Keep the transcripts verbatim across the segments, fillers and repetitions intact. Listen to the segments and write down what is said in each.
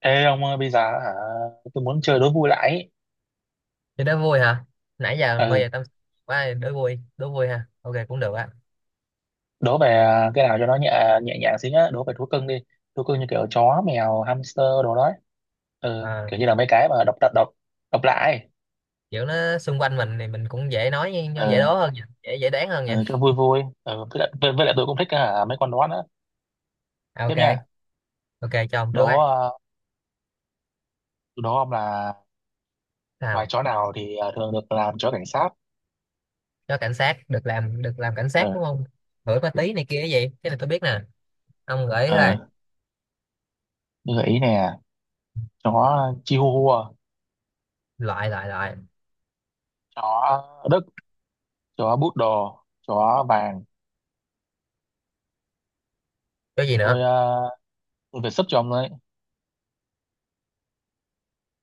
Ê ông ơi bây giờ hả? Tôi muốn chơi đố vui lại ý. Thì đố vui hả? Nãy giờ mê về Ừ, tâm sự quá đố vui, đố vui ha. Ok cũng được á. đố về à, cái nào cho nó nhẹ nhẹ nhàng xíu nhá, đố về thú cưng đi. Thú cưng như kiểu chó mèo hamster đồ đó. Ừ, Ờ, kiểu như là mấy cái mà độc độc độc độc lạ ấy. Kiểu nó xung quanh mình thì mình cũng dễ nói nhưng dễ đố Ừ, hơn nha, dễ dễ đoán hơn nha. ừ cho vui vui ừ với lại, với, với lại tôi cũng thích hả, mấy con đó nữa. À, ok, Tiếp nha. ok cho ông trước Đố ấy. ờ, đố ông là loài Nào, chó nào thì ờ, thường được làm chó cảnh sát. cho cảnh sát được làm được làm cảnh sát đúng Ừ. không? Gửi ma tí này kia cái gì? Cái này tôi biết nè. Ông gửi Ừ, thôi. như gợi ý nè. Chó chihuahua, Loại loại loại. chó đức, chó poodle, chó vàng. Cái gì nữa? tôi ờ, tôi phải sub cho ông đấy.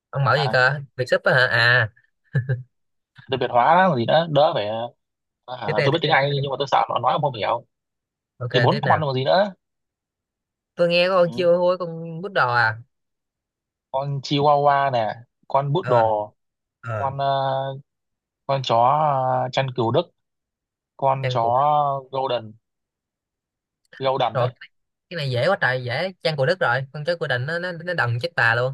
Ông mở gì À, cơ? Việc súp á hả? À, tôi Việt hóa đó, còn gì nữa đỡ phải à, à, tiếp đây tôi biết tiếp tiếng đây tiếp Anh đây. nhưng mà tôi sợ nó nói ông không hiểu. Ok Thì tiếp bốn con nào. còn gì nữa. Tôi nghe có con Ừ. chiêu hôi con bút đò à. Con Chihuahua nè, con Ờ, Poodle, ờ. con ờ, con chó ờ, chăn cừu Đức, con Trang chó phục Golden. Golden rồi đấy. cái này dễ quá trời dễ chăn của Đức rồi con chó của Định nó nó, nó đần chết bà luôn.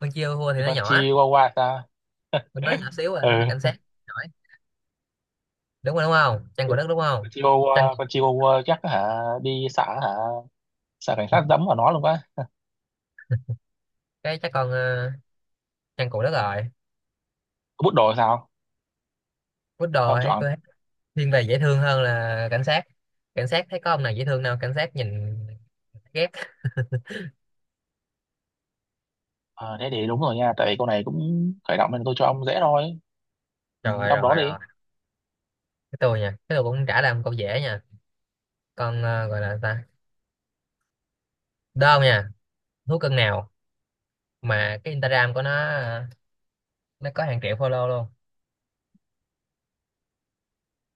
Con chiêu hua thì Thì nó con nhỏ, Chihuahua ta. con nó nhỏ xíu rồi Ừ. nó cảnh sát giỏi. Đúng rồi, đúng không? Chăn của Đức đúng không? Con Chăn, Chihuahua, con Chihuahua chắc hả đi xã hả, xã cảnh sát dẫm vào nó luôn quá. cái chắc con ờ, chăn của Đức rồi. Bút đồ sao? Quýt đồ Ông hay chọn. tôi thấy thiên về dễ thương hơn là cảnh sát. Cảnh sát thấy có ông nào dễ thương đâu, cảnh sát nhìn ghét. Ờ, thế thì đúng rồi nha, tại vì câu này cũng khởi động nên tôi cho ông dễ thôi. Ừ, Rồi trong đó rồi đi. rồi, cái tôi nha, cái tôi cũng trả làm câu dễ nha. Con ờ, gọi là ta đơn nha. Thú cưng nào mà cái Instagram của nó ờ, nó có hàng triệu follow luôn.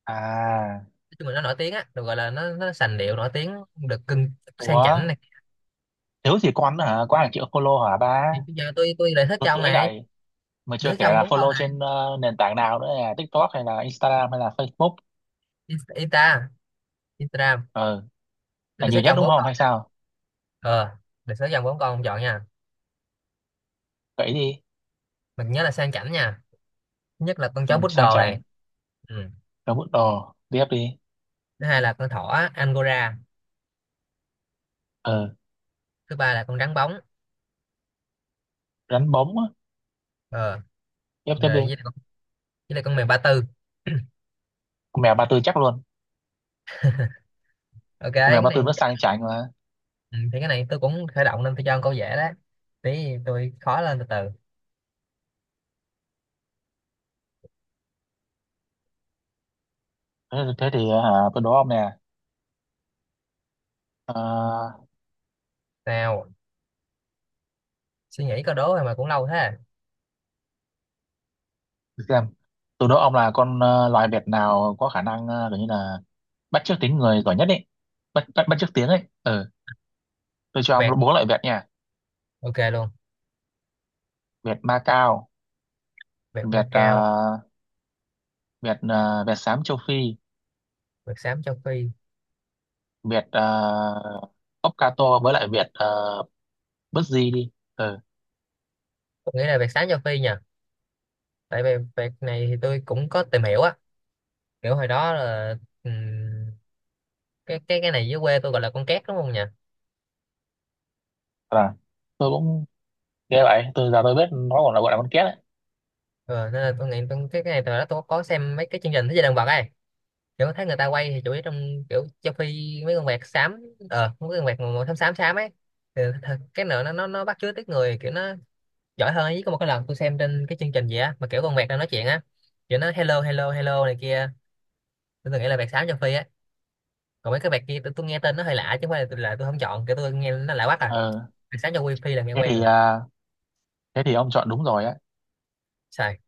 À. Nói chung là nó nổi tiếng á, được gọi là nó nó sành điệu nổi tiếng được cưng sang Ủa, chảnh này. thiếu gì con hả? Có hàng triệu follow hả ba? Thì bây giờ tôi tôi đề xuất Tôi cho ông tôi thấy này, đầy. Mà đề chưa xuất kể cho ông là bốn con follow này. trên ờ, nền tảng nào nữa, là TikTok hay là Instagram hay là Facebook. Insta, Instagram. Ờ, Tôi là đề xuất nhiều cho nhất ông đúng bốn không con hay nha. sao? Ờ, đề xuất cho ông bốn con ông chọn nha. Vậy đi. Mình nhớ là sang chảnh nha. Thứ nhất là con Ừ, chó sang poodle này. chảnh. Ừ. Rồi bút đồ. Tiếp đi. Thứ hai là con thỏ Angora. Ờ, Thứ ba là con rắn bóng. rắn bóng á. Ờ, Tiếp tiếp đi. rồi với lại con, với lại con mèo Ba Tư. Con mèo ba tư chắc luôn. Ok Con cái mèo ba tư này. nó sang chảnh mà. Ừ, thì cái này tôi cũng khởi động nên tôi cho con câu dễ đó. Tí tôi khó lên từ từ. Thế, thế thì ờ, hả, tôi đố ông nè. Ờ, Nào, suy nghĩ câu đố rồi mà cũng lâu thế à. để xem. Tôi đố ông là con ờ, loài vẹt nào có khả năng ờ, kiểu như là bắt chước tiếng người giỏi nhất ấy. Bắt, bắt, bắt chước tiếng ấy. Ờ, tôi cho ông Vẹt, bốn loại vẹt nha. ok luôn. Việt Macau, Vẹt Việt ờ, Macau. Việt ờ, Việt xám châu Phi, Vẹt Xám Châu Phi. Việt uh, ốc ca tô với lại Việt uh, bứt di đi. Ừ. Tôi nghĩ là vẹt Xám Châu Phi nhỉ? Tại vì vẹt này thì tôi cũng có tìm hiểu á, kiểu hồi đó là ừm, cái cái cái này dưới quê tôi gọi là con két đúng không nhỉ? Là tôi cũng nghe vậy, tôi giờ tôi biết nó còn là gọi là con két đấy. Ừ, nên là tôi nghĩ tôi, cái cái này từ đó tôi có xem mấy cái chương trình thế giới động vật ấy, kiểu thấy người ta quay thì chủ yếu trong kiểu Châu Phi mấy con vẹt xám. Ờ mấy con vẹt màu xám xám xám ấy thì, thật- cái nữa nó nó nó bắt chước tiếng người kiểu nó giỏi hơn ấy. Có một cái lần tôi xem trên cái chương trình gì á mà kiểu con vẹt đang nói chuyện á, kiểu nó hello hello hello này kia. Tôi từng nghĩ là vẹt xám châu Phi á. Còn mấy cái vẹt kia tôi, tôi nghe tên nó hơi lạ chứ không phải là, là tôi không chọn, kiểu tôi nghe nó lạ quá à. Ừ. Sáng cho wifi là nghe Thế quen thì rồi, ờ, thế thì ông chọn đúng rồi á. xài.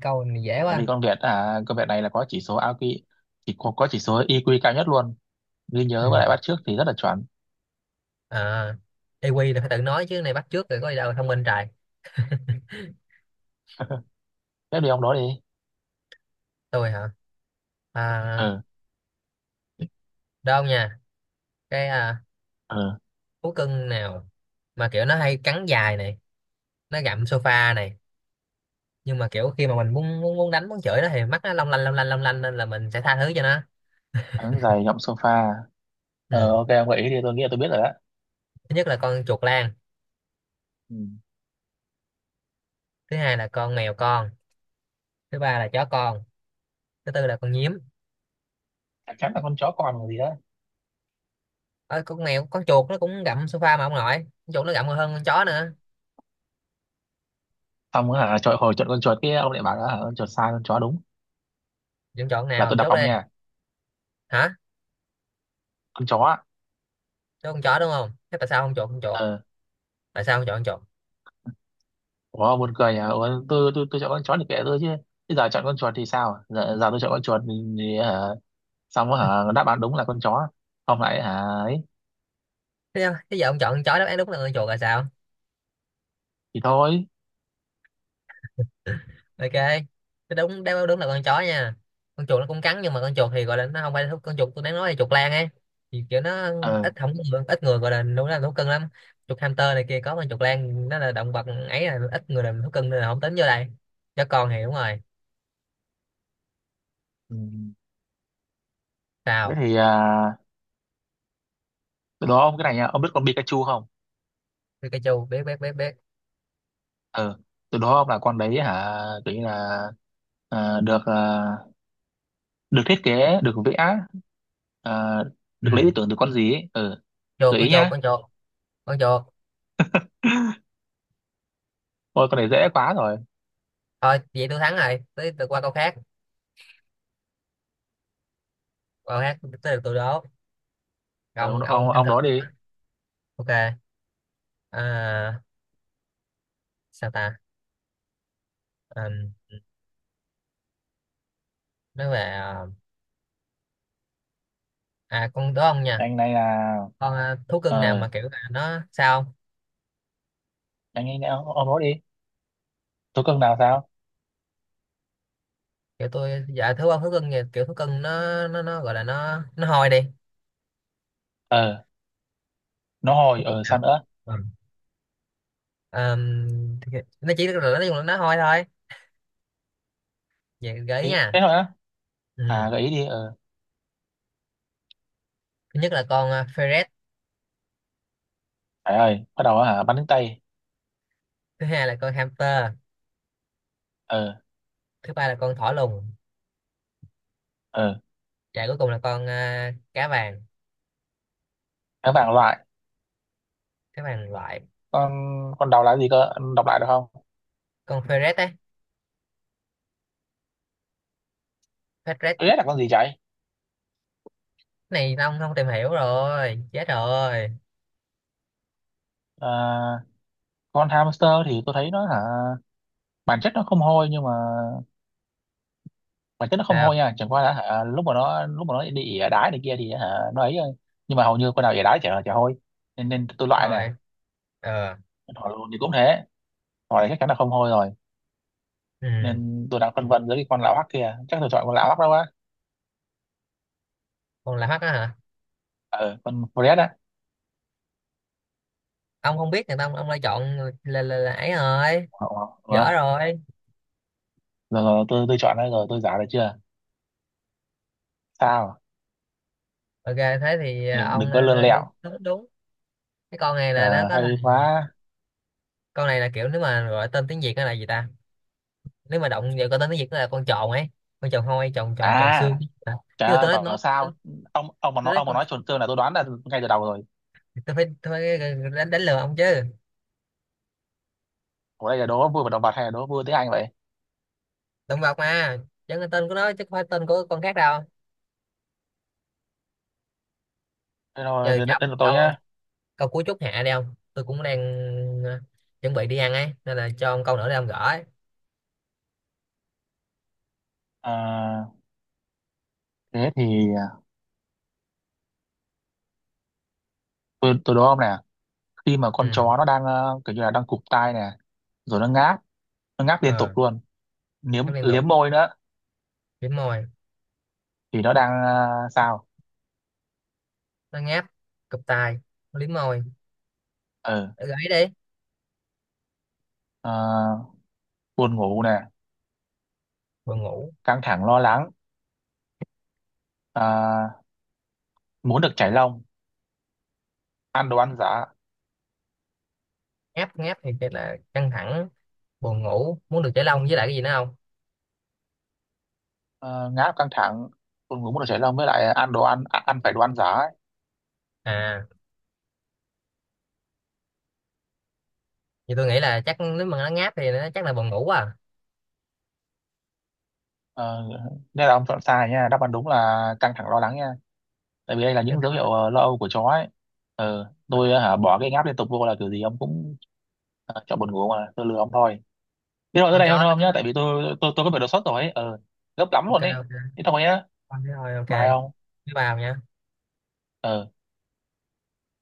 Câu này dễ Tại vì quá. con Việt à, con Việt này là có chỉ số i kiu, chỉ có, có chỉ số i kiu cao nhất luôn. Ghi Ừ. nhớ với lại bắt chước thì rất là chuẩn. À, e kiu là phải tự nói chứ này bắt chước rồi có gì đâu thông minh trời. Tiếp đi ông đó đi. Tôi hả? À, Ừ. đâu nha. cái à, Ừ. Thú cưng nào mà kiểu nó hay cắn dài này, nó gặm sofa này, nhưng mà kiểu khi mà mình muốn muốn muốn đánh muốn chửi nó thì mắt nó long lanh long lanh long lanh nên là mình sẽ tha thứ cho nó. Thắng giày nhộng sofa. Ờ ok Ừ. ông gợi ý đi, tôi nghĩ là tôi biết rồi đó. Thứ nhất là con chuột lang. Ừ. Thứ hai là con mèo con. Thứ ba là chó con. Thứ tư là con nhím. Chắc chắn là con chó con còn gì đó. Ờ, con mèo con chuột nó cũng gặm sofa mà ông nội, con chuột nó gặm còn hơn con chó nữa. Xong á hả trời, hồi chọn con chuột kia ông lại bảo là hả, con chuột sai con chó đúng Dân chọn là nào tôi đập chốt ông đây. nha. Hả, Con chó á. chốt con chó đúng không, thế tại sao không chọn con chuột? Ờ. Tại sao không chọn con chuột? Ủa buồn cười à, ủa, tôi tôi tôi chọn con chó thì kệ tôi chứ. Bây giờ chọn con chuột thì sao giờ, giờ tôi chọn con chuột thì, thì hả, xong á hả đáp án đúng là con chó, không lại hả ấy. Thế, thế giờ ông chọn con chó đáp án đúng là con chuột là sao. Thì thôi. Ok, thế đúng đáp án đúng là con chó nha. Con chuột nó cũng cắn nhưng mà con chuột thì gọi là nó không phải thú- con chuột tôi đang nói là chuột lang ấy, thì kiểu nó Ờ. ít không có người, ít người gọi là đúng là thú cưng lắm. Chuột hamster này kia có con chuột lang nó là động vật ấy, là ít người làm thú cưng nên là không tính vô đây. Chó con thì đúng rồi. Ừ. Thế Sao? thì à, từ đó ông cái này nha, ông biết con Pikachu không? Biết cái chu, biết biết biết biết. Ờ, từ đó ông là con đấy hả, kiểu như là à, được à, được thiết kế, được vẽ, à, được lấy Ừ, ý tưởng từ con gì ấy. Ừ. chuột Gợi con ý chuột nhá. con chuột con chuột. Ôi con này dễ quá rồi. Thôi vậy tôi thắng rồi, tới tôi qua câu khác. Câu khác tới được tôi đố. Ờ, Ông ông ông, ông thắng ông thật. đó đi. Ok. À, sao ta? À, nói về à, à, con đố ông nha. Anh này là. Con à, thú cưng nào Ờ, mà kiểu là nó sao không? anh ấy ông, ông đó đi. Tố cưng nào sao. Kiểu tôi dạ thú ông thú cưng thì kiểu thú cưng nó nó nó gọi là nó nó hôi đi. Ờ, nó Thú hồi cưng ờ sao nữa. nào. Ừ. Ờm, thì- nó chỉ là nó dùng là nó hôi thôi. Vậy gợi ý Ý nha. thế thôi á. Ừ. À gợi ý đi. Ờ. Thứ nhất là con à, ferret. Trời ơi bắt đầu hả bắn đến tay. Thứ hai là con hamster. Ờ. Thứ ba là con thỏ lùn. Ờ. Dạ cuối cùng là con à, cá vàng, Tháng bảng loại. cá vàng loại. Con. Con đầu là gì cơ, Anh đọc lại được không? Con ferret ấy. Ferret. Tôi biết là con gì chạy. Này ông không tìm hiểu rồi, chết rồi. à, con hamster thì tôi thấy nó hả, bản chất nó không hôi nhưng mà bản chất nó không hôi Sao? nha, chẳng qua là hả lúc mà nó lúc mà nó đi ỉa đái này kia thì hả nó ấy thôi. Nhưng mà hầu như con nào ỉa đái chả chả hôi, nên, nên tôi Đúng loại nè. rồi. Ờ. Hỏi luôn thì cũng thế, hỏi thì chắc chắn là không hôi rồi. Ừ. Nên tôi đang phân vân giữa cái con lão hắc kia, chắc tôi chọn con lão hắc đó quá. Con là hắc á hả? Ờ, con Fred á. Ông không biết người ta ông, ông lại chọn là, là, là ấy rồi, Ờ, ờ, dở ờ. rồi. Rồi, rồi tôi tôi chọn đây rồi, tôi giả được chưa? Sao? Ok, thế thì Ừ, à, đừng ông có lươn à, đúng lẹo. đúng đúng. Cái con này là nó Ờ, có hay hình- quá. con này là kiểu nếu mà gọi tên tiếng Việt nó là gì ta? Nếu mà động vào con tên tiếng Việt nó là con tròn ấy, con tròn hôi, tròn tròn tròn xương. À Ờ, trời nhưng mà ơi tôi nói bảo bảo nói sao, ông ông mà tôi nói nói ông mà con, nói chuẩn tương là tôi đoán là ngay từ đầu rồi. tôi phải tôi phải đánh đánh lừa ông chứ. Ủa đây là đố vui và động vật hay là đố vui tiếng Anh vậy? Động vật mà, chẳng là tên của nó chứ không phải tên của con khác đâu. Thế rồi Giờ đến, cho đến lượt tôi ông câu, nhá. câu cuối chút hạ đi ông, tôi cũng đang ờ, chuẩn bị đi ăn ấy nên là cho ông câu nữa để ông gỡ ấy. Ờ, thế thì à, tôi tôi đố ông nè, khi mà con Ừ. chó nó đang ờ, kiểu như là đang cụp tai nè, rồi nó ngáp, nó ngáp liên tục Ờ, luôn, liếm nó liên tục liếm môi nữa, liếm môi, thì nó đang à, sao? nó ngáp, cụp tai, nó liếm môi. Ừ. Ờ, gãy đi. À, buồn ngủ nè, Buồn ngủ. căng thẳng lo lắng, à, muốn được chảy lông, ăn đồ ăn giả. Ngáp ngáp thì chắc là căng thẳng, buồn ngủ, muốn được giải lông với lại cái gì nữa không? Uh, ngáp căng thẳng, buồn ngủ, muốn được chảy lông, với lại ăn đồ ăn à, ăn phải đồ ăn giả ấy. À, thì tôi nghĩ là chắc nếu mà nó ngáp thì nó chắc là buồn ngủ à. Ờ, nên là ông chọn sai nha, đáp án đúng là căng thẳng lo lắng nha, tại vì đây là Căng những dấu thẳng hiệu ờ, lo âu của chó ấy. Ờ, lắm. tôi ờ, hả bỏ cái ngáp liên tục vô là kiểu gì ông cũng ờ, chọn buồn ngủ, mà tôi lừa ông thôi. Thế rồi tới Con đây thôi chó không nhá, tại nó vì tôi tôi tôi có bị đột xuất rồi ấy. Ờ, gấp lắm ok luôn ấy. ok. Thế thôi nhá. Con thấy thôi ok. Bye ông. Bye bye nha. Ờ,